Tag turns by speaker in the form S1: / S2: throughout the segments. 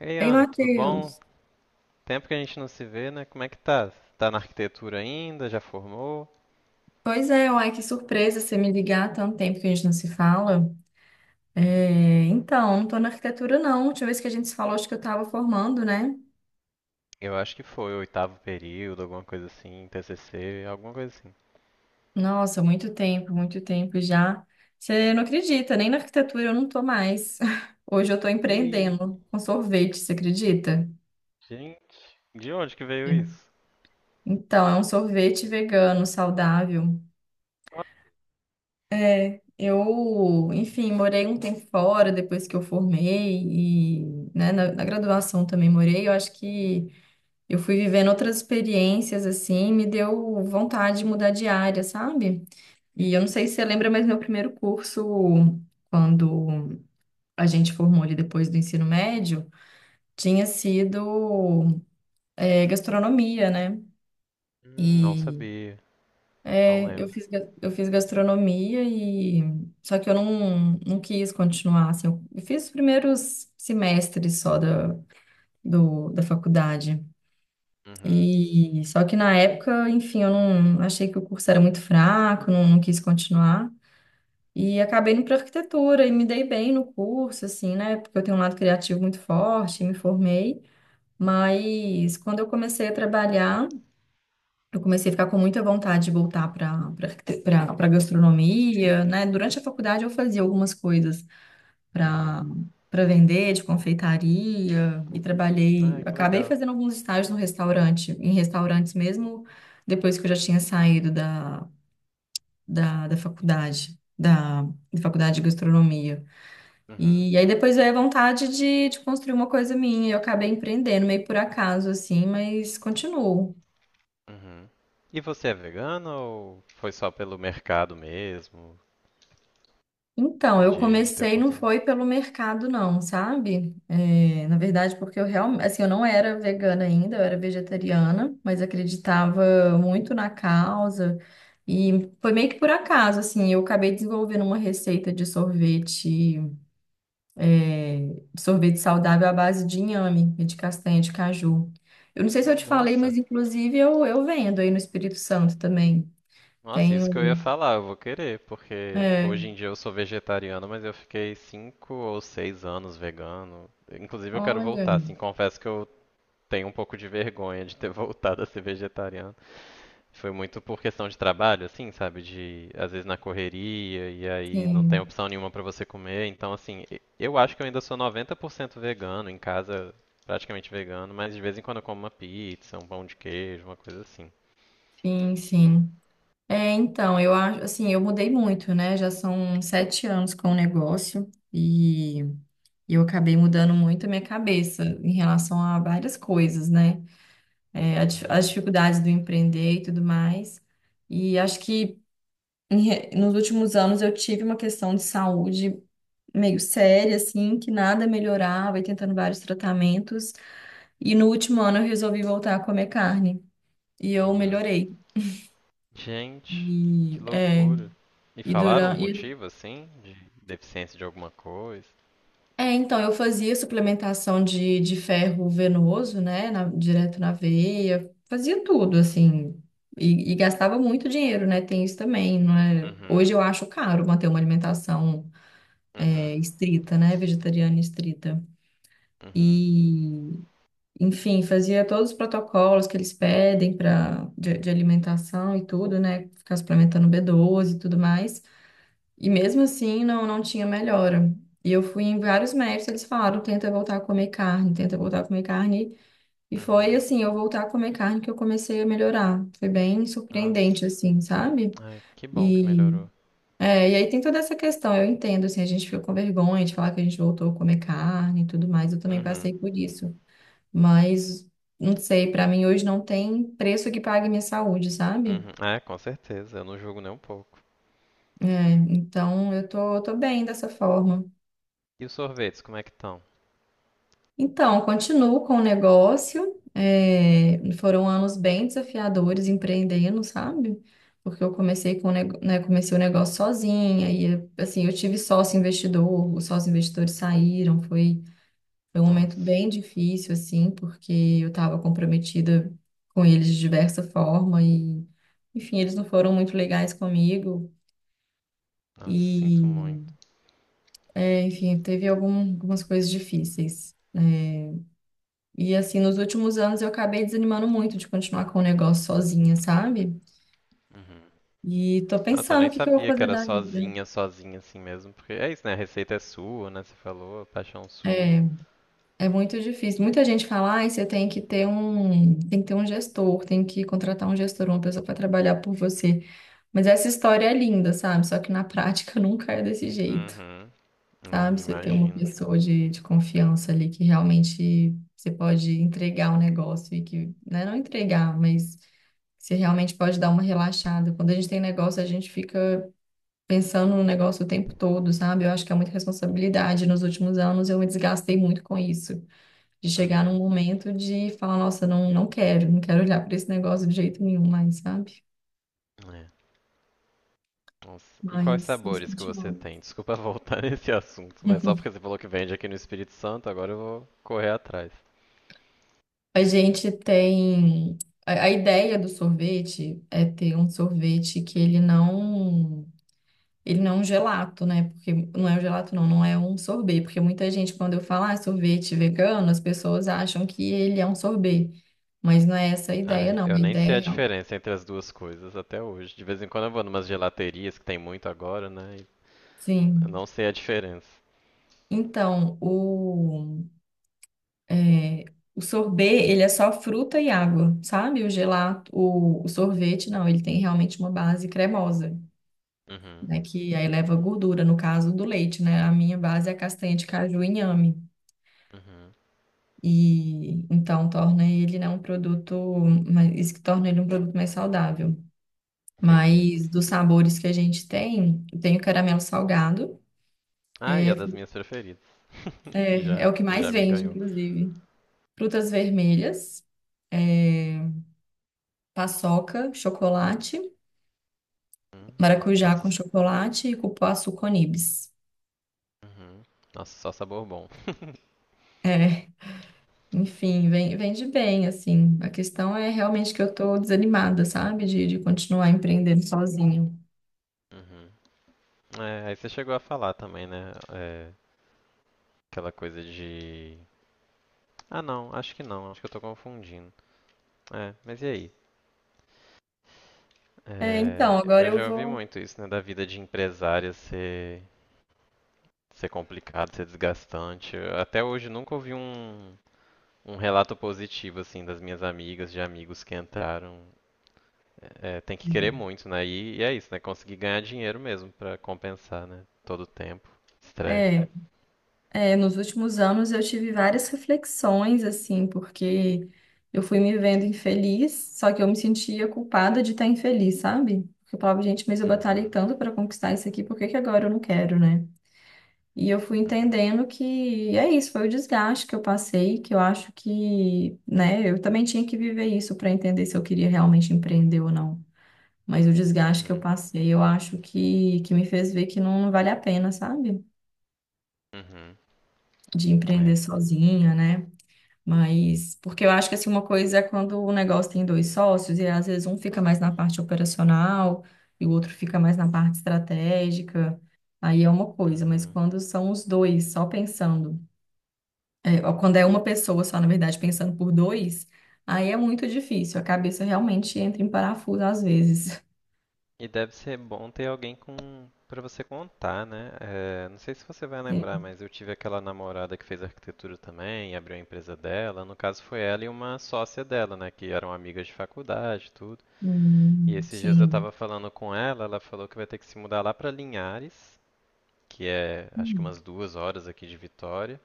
S1: Ei,
S2: Ei,
S1: Ana, tudo bom?
S2: Matheus.
S1: Tempo que a gente não se vê, né? Como é que tá? Tá na arquitetura ainda? Já formou?
S2: Pois é, uai, que surpresa você me ligar há tanto tempo que a gente não se fala.
S1: Uhum.
S2: É, então, não tô na arquitetura, não. A última vez que a gente se falou, acho que eu tava formando, né?
S1: Eu acho que foi o oitavo período, alguma coisa assim, TCC, alguma coisa assim.
S2: Nossa, muito tempo já. Você não acredita, nem na arquitetura eu não tô mais. Hoje eu tô
S1: Ih,
S2: empreendendo com sorvete, você acredita?
S1: gente, de onde que veio isso?
S2: Então, é um sorvete vegano, saudável. É, eu, enfim, morei um tempo fora depois que eu formei e, né, na graduação também morei. Eu acho que eu fui vivendo outras experiências assim, me deu vontade de mudar de área, sabe? E eu não sei se você lembra, mas meu primeiro curso, quando a gente formou ali depois do ensino médio, tinha sido, é, gastronomia, né?
S1: Não sabia, não
S2: É, eu
S1: lembro.
S2: fiz, eu fiz gastronomia e só que eu não quis continuar, assim, eu fiz os primeiros semestres só da, da faculdade.
S1: Uhum,
S2: E só que na época, enfim, eu não achei que o curso era muito fraco, não, não quis continuar. E acabei indo para arquitetura e me dei bem no curso, assim, né? Porque eu tenho um lado criativo muito forte, me formei. Mas quando eu comecei a trabalhar, eu comecei a ficar com muita vontade de voltar para gastronomia, né? Durante a faculdade eu fazia algumas coisas para
S1: uhum.
S2: para vender de confeitaria e trabalhei,
S1: Ai, que
S2: acabei
S1: legal.
S2: fazendo alguns estágios no restaurante, em restaurantes mesmo depois que eu já tinha saído da, da faculdade, da faculdade de gastronomia.
S1: Uhum,
S2: E aí depois veio a vontade de construir uma coisa minha, eu acabei empreendendo meio por acaso assim, mas continuo.
S1: uhum. E você é vegano ou foi só pelo mercado mesmo,
S2: Então, eu
S1: de ter
S2: comecei, não
S1: oportunidade?
S2: foi pelo mercado, não, sabe? É, na verdade, porque eu realmente, assim, eu não era vegana ainda, eu era vegetariana, mas acreditava muito na causa. E foi meio que por acaso, assim, eu acabei desenvolvendo uma receita de sorvete, é, sorvete saudável à base de inhame e de castanha de caju. Eu não sei se eu te
S1: Hum.
S2: falei,
S1: Nossa,
S2: mas inclusive eu vendo aí no Espírito Santo também.
S1: nossa, isso que eu ia
S2: Tenho,
S1: falar, eu vou querer, porque
S2: é,
S1: hoje em dia eu sou vegetariano, mas eu fiquei 5 ou 6 anos vegano. Inclusive eu quero
S2: olha,
S1: voltar, assim, confesso que eu tenho um pouco de vergonha de ter voltado a ser vegetariano. Foi muito por questão de trabalho, assim, sabe? De às vezes na correria e aí não tem
S2: sim,
S1: opção nenhuma pra você comer. Então, assim, eu acho que eu ainda sou 90% vegano, em casa praticamente vegano, mas de vez em quando eu como uma pizza, um pão de queijo, uma coisa assim.
S2: sim, sim. É, então, eu acho, assim, eu mudei muito, né? Já são 7 anos com o negócio e eu acabei mudando muito a minha cabeça em relação a várias coisas, né? É, as
S1: Uhum,
S2: dificuldades do empreender e tudo mais. E acho que nos últimos anos eu tive uma questão de saúde meio séria, assim, que nada melhorava e tentando vários tratamentos. E no último ano eu resolvi voltar a comer carne e eu
S1: uhum.
S2: melhorei.
S1: Gente, que
S2: E, é,
S1: loucura. E
S2: e
S1: falaram o
S2: durante,
S1: motivo, assim, de deficiência de alguma coisa?
S2: É, então, eu fazia suplementação de ferro venoso, né, direto na veia, fazia tudo, assim, e gastava muito dinheiro, né, tem isso também, não é?
S1: Uhum,
S2: Hoje eu acho caro manter uma alimentação
S1: uhum,
S2: é, estrita, né, vegetariana estrita.
S1: uhum,
S2: E, enfim, fazia todos os protocolos que eles pedem para de alimentação e tudo, né, ficar suplementando B12 e tudo mais. E mesmo assim não, não tinha melhora. E eu fui em vários médicos, eles falaram, tenta voltar a comer carne, tenta voltar a comer carne. E foi
S1: uhum.
S2: assim, eu voltar a comer carne que eu comecei a melhorar. Foi bem surpreendente,
S1: Nossa,
S2: assim, sabe?
S1: ai, que bom que
S2: E,
S1: melhorou.
S2: é, e aí tem toda essa questão, eu entendo, assim, a gente fica com vergonha de falar que a gente voltou a comer carne e tudo mais, eu também
S1: Uhum,
S2: passei por isso. Mas, não sei, pra mim hoje não tem preço que pague minha saúde, sabe?
S1: uhum. É, com certeza, eu não julgo nem um pouco.
S2: É, eu tô bem dessa forma.
S1: E os sorvetes, como é que estão?
S2: Então, continuo com o negócio. É, foram anos bem desafiadores empreendendo, sabe? Porque eu comecei com, né, comecei o negócio sozinha e assim, eu tive sócio investidor, os sócios investidores saíram, foi um momento
S1: Nossa,
S2: bem difícil assim, porque eu estava comprometida com eles de diversa forma e enfim, eles não foram muito legais comigo
S1: nossa, sinto
S2: e
S1: muito.
S2: é, enfim, teve algumas coisas difíceis. É, e assim, nos últimos anos eu acabei desanimando muito de continuar com o negócio sozinha, sabe?
S1: Uhum.
S2: E tô
S1: Nossa, eu
S2: pensando o
S1: nem
S2: que que eu vou
S1: sabia que
S2: fazer
S1: era
S2: da vida.
S1: sozinha, sozinha assim mesmo, porque é isso, né? A receita é sua, né? Você falou, a paixão sua.
S2: É, é muito difícil. Muita gente fala, ai, você tem que ter um, tem que ter um gestor, tem que contratar um gestor, uma pessoa para trabalhar por você. Mas essa história é linda, sabe? Só que na prática nunca é desse jeito,
S1: Uhum, é,
S2: sabe? Você ter uma
S1: imagino.
S2: pessoa de confiança ali que realmente você pode entregar o negócio e que, né, não entregar, mas você realmente pode dar uma relaxada. Quando a gente tem negócio, a gente fica pensando no negócio o tempo todo, sabe? Eu acho que é muita responsabilidade. Nos últimos anos, eu me desgastei muito com isso. De chegar num
S1: Uhum,
S2: momento de falar, nossa, não, não quero, não quero olhar para esse negócio de jeito nenhum mais, sabe?
S1: é. Nossa. E quais
S2: Mas isso
S1: sabores que você
S2: continua.
S1: tem? Desculpa voltar nesse assunto, mas só porque você falou que vende aqui no Espírito Santo, agora eu vou correr atrás.
S2: A gente tem. A ideia do sorvete é ter um sorvete que ele não. Ele não é um gelato, né? Porque não é um gelato, não, não é um sorbet. Porque muita gente, quando eu falo ah, sorvete vegano, as pessoas acham que ele é um sorbet. Mas não é essa a ideia,
S1: Ai,
S2: não. A
S1: eu nem
S2: ideia é.
S1: sei a
S2: Real-
S1: diferença entre as duas coisas até hoje. De vez em quando eu vou numas gelaterias que tem muito agora, né? E eu
S2: Sim.
S1: não sei a diferença.
S2: Então, o, é, o sorbet, ele é só fruta e água, sabe? O gelato, o sorvete, não, ele tem realmente uma base cremosa,
S1: Uhum,
S2: né? Que aí leva gordura, no caso do leite, né? A minha base é a castanha de caju e inhame.
S1: uhum.
S2: E então torna ele, né, um produto, isso que torna ele um produto mais saudável.
S1: Entendi.
S2: Mas dos sabores que a gente tem, tem o caramelo salgado,
S1: Ah, e a
S2: é,
S1: das minhas preferidas. E Já,
S2: é o que
S1: e
S2: mais
S1: já me
S2: vende,
S1: ganhou.
S2: inclusive. Frutas vermelhas, paçoca, chocolate,
S1: Hum,
S2: maracujá
S1: Nossa,
S2: com chocolate e cupuaçu com nibs.
S1: uhum. Nossa, só sabor bom.
S2: É, enfim, vende bem, assim. A questão é realmente que eu tô desanimada, sabe, de continuar empreendendo sozinho.
S1: Uhum. É, aí você chegou a falar também, né? É, aquela coisa de ah, não, acho que não, acho que eu tô confundindo. É, mas e aí?
S2: É,
S1: É,
S2: então, agora
S1: eu
S2: eu
S1: já ouvi
S2: vou.
S1: muito isso, né, da vida de empresária ser complicado, ser desgastante. Eu até hoje nunca ouvi um relato positivo, assim, das minhas amigas, de amigos que entraram. É, tem que querer muito, né? E é isso, né? Conseguir ganhar dinheiro mesmo pra compensar, né? Todo o tempo, estresse.
S2: É, é, nos últimos anos eu tive várias reflexões, assim, porque eu fui me vendo infeliz, só que eu me sentia culpada de estar infeliz, sabe? Porque eu falava, gente, mas eu batalhei
S1: Uhum,
S2: tanto para conquistar isso aqui, por que que agora eu não quero, né? E eu fui
S1: uhum,
S2: entendendo que é isso, foi o desgaste que eu passei, que eu acho que, né, eu também tinha que viver isso para entender se eu queria realmente empreender ou não. Mas o desgaste que eu
S1: uhum,
S2: passei, eu acho que me fez ver que não vale a pena, sabe?
S1: uhum.
S2: De empreender
S1: É.
S2: sozinha, né? Mas, porque eu acho que assim, uma coisa é quando o negócio tem dois sócios, e às vezes um fica mais na parte operacional e o outro fica mais na parte estratégica, aí é uma coisa, mas
S1: Uhum.
S2: quando são os dois só pensando, é, ou quando é uma pessoa só, na verdade, pensando por dois, aí é muito difícil, a cabeça realmente entra em parafuso às vezes.
S1: E deve ser bom ter alguém com para você contar, né? Não sei se você vai lembrar,
S2: Sim.
S1: mas eu tive aquela namorada que fez arquitetura também, e abriu a empresa dela. No caso foi ela e uma sócia dela, né? Que eram amigas de faculdade, e tudo. E esses dias eu
S2: Sim.
S1: tava falando com ela, ela falou que vai ter que se mudar lá pra Linhares, que é acho que
S2: Hum.
S1: umas 2 horas aqui de Vitória,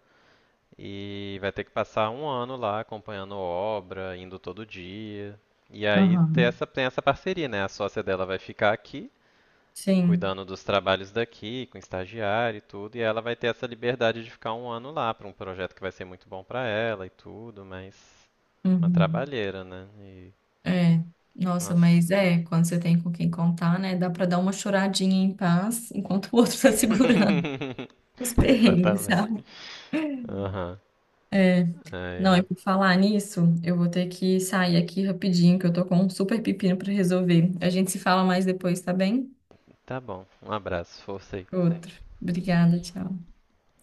S1: e vai ter que passar um ano lá acompanhando obra, indo todo dia. E aí
S2: Aham.
S1: tem essa parceria, né? A sócia dela vai ficar aqui
S2: Sim.
S1: cuidando dos trabalhos daqui, com estagiário e tudo, e ela vai ter essa liberdade de ficar um ano lá para um projeto que vai ser muito bom para ela e tudo, mas uma
S2: Uhum.
S1: trabalheira, né? E
S2: É, nossa,
S1: nossa.
S2: mas é, quando você tem com quem contar, né, dá pra dar uma choradinha em paz enquanto o outro tá segurando os perrengues,
S1: Exatamente.
S2: sabe?
S1: Aham.
S2: É,
S1: Ai,
S2: não, e
S1: ai.
S2: por falar nisso, eu vou ter que sair aqui rapidinho, que eu tô com um super pepino pra resolver. A gente se fala mais depois, tá bem?
S1: Tá bom. Um abraço, força aí.
S2: Outro. Obrigada, tchau.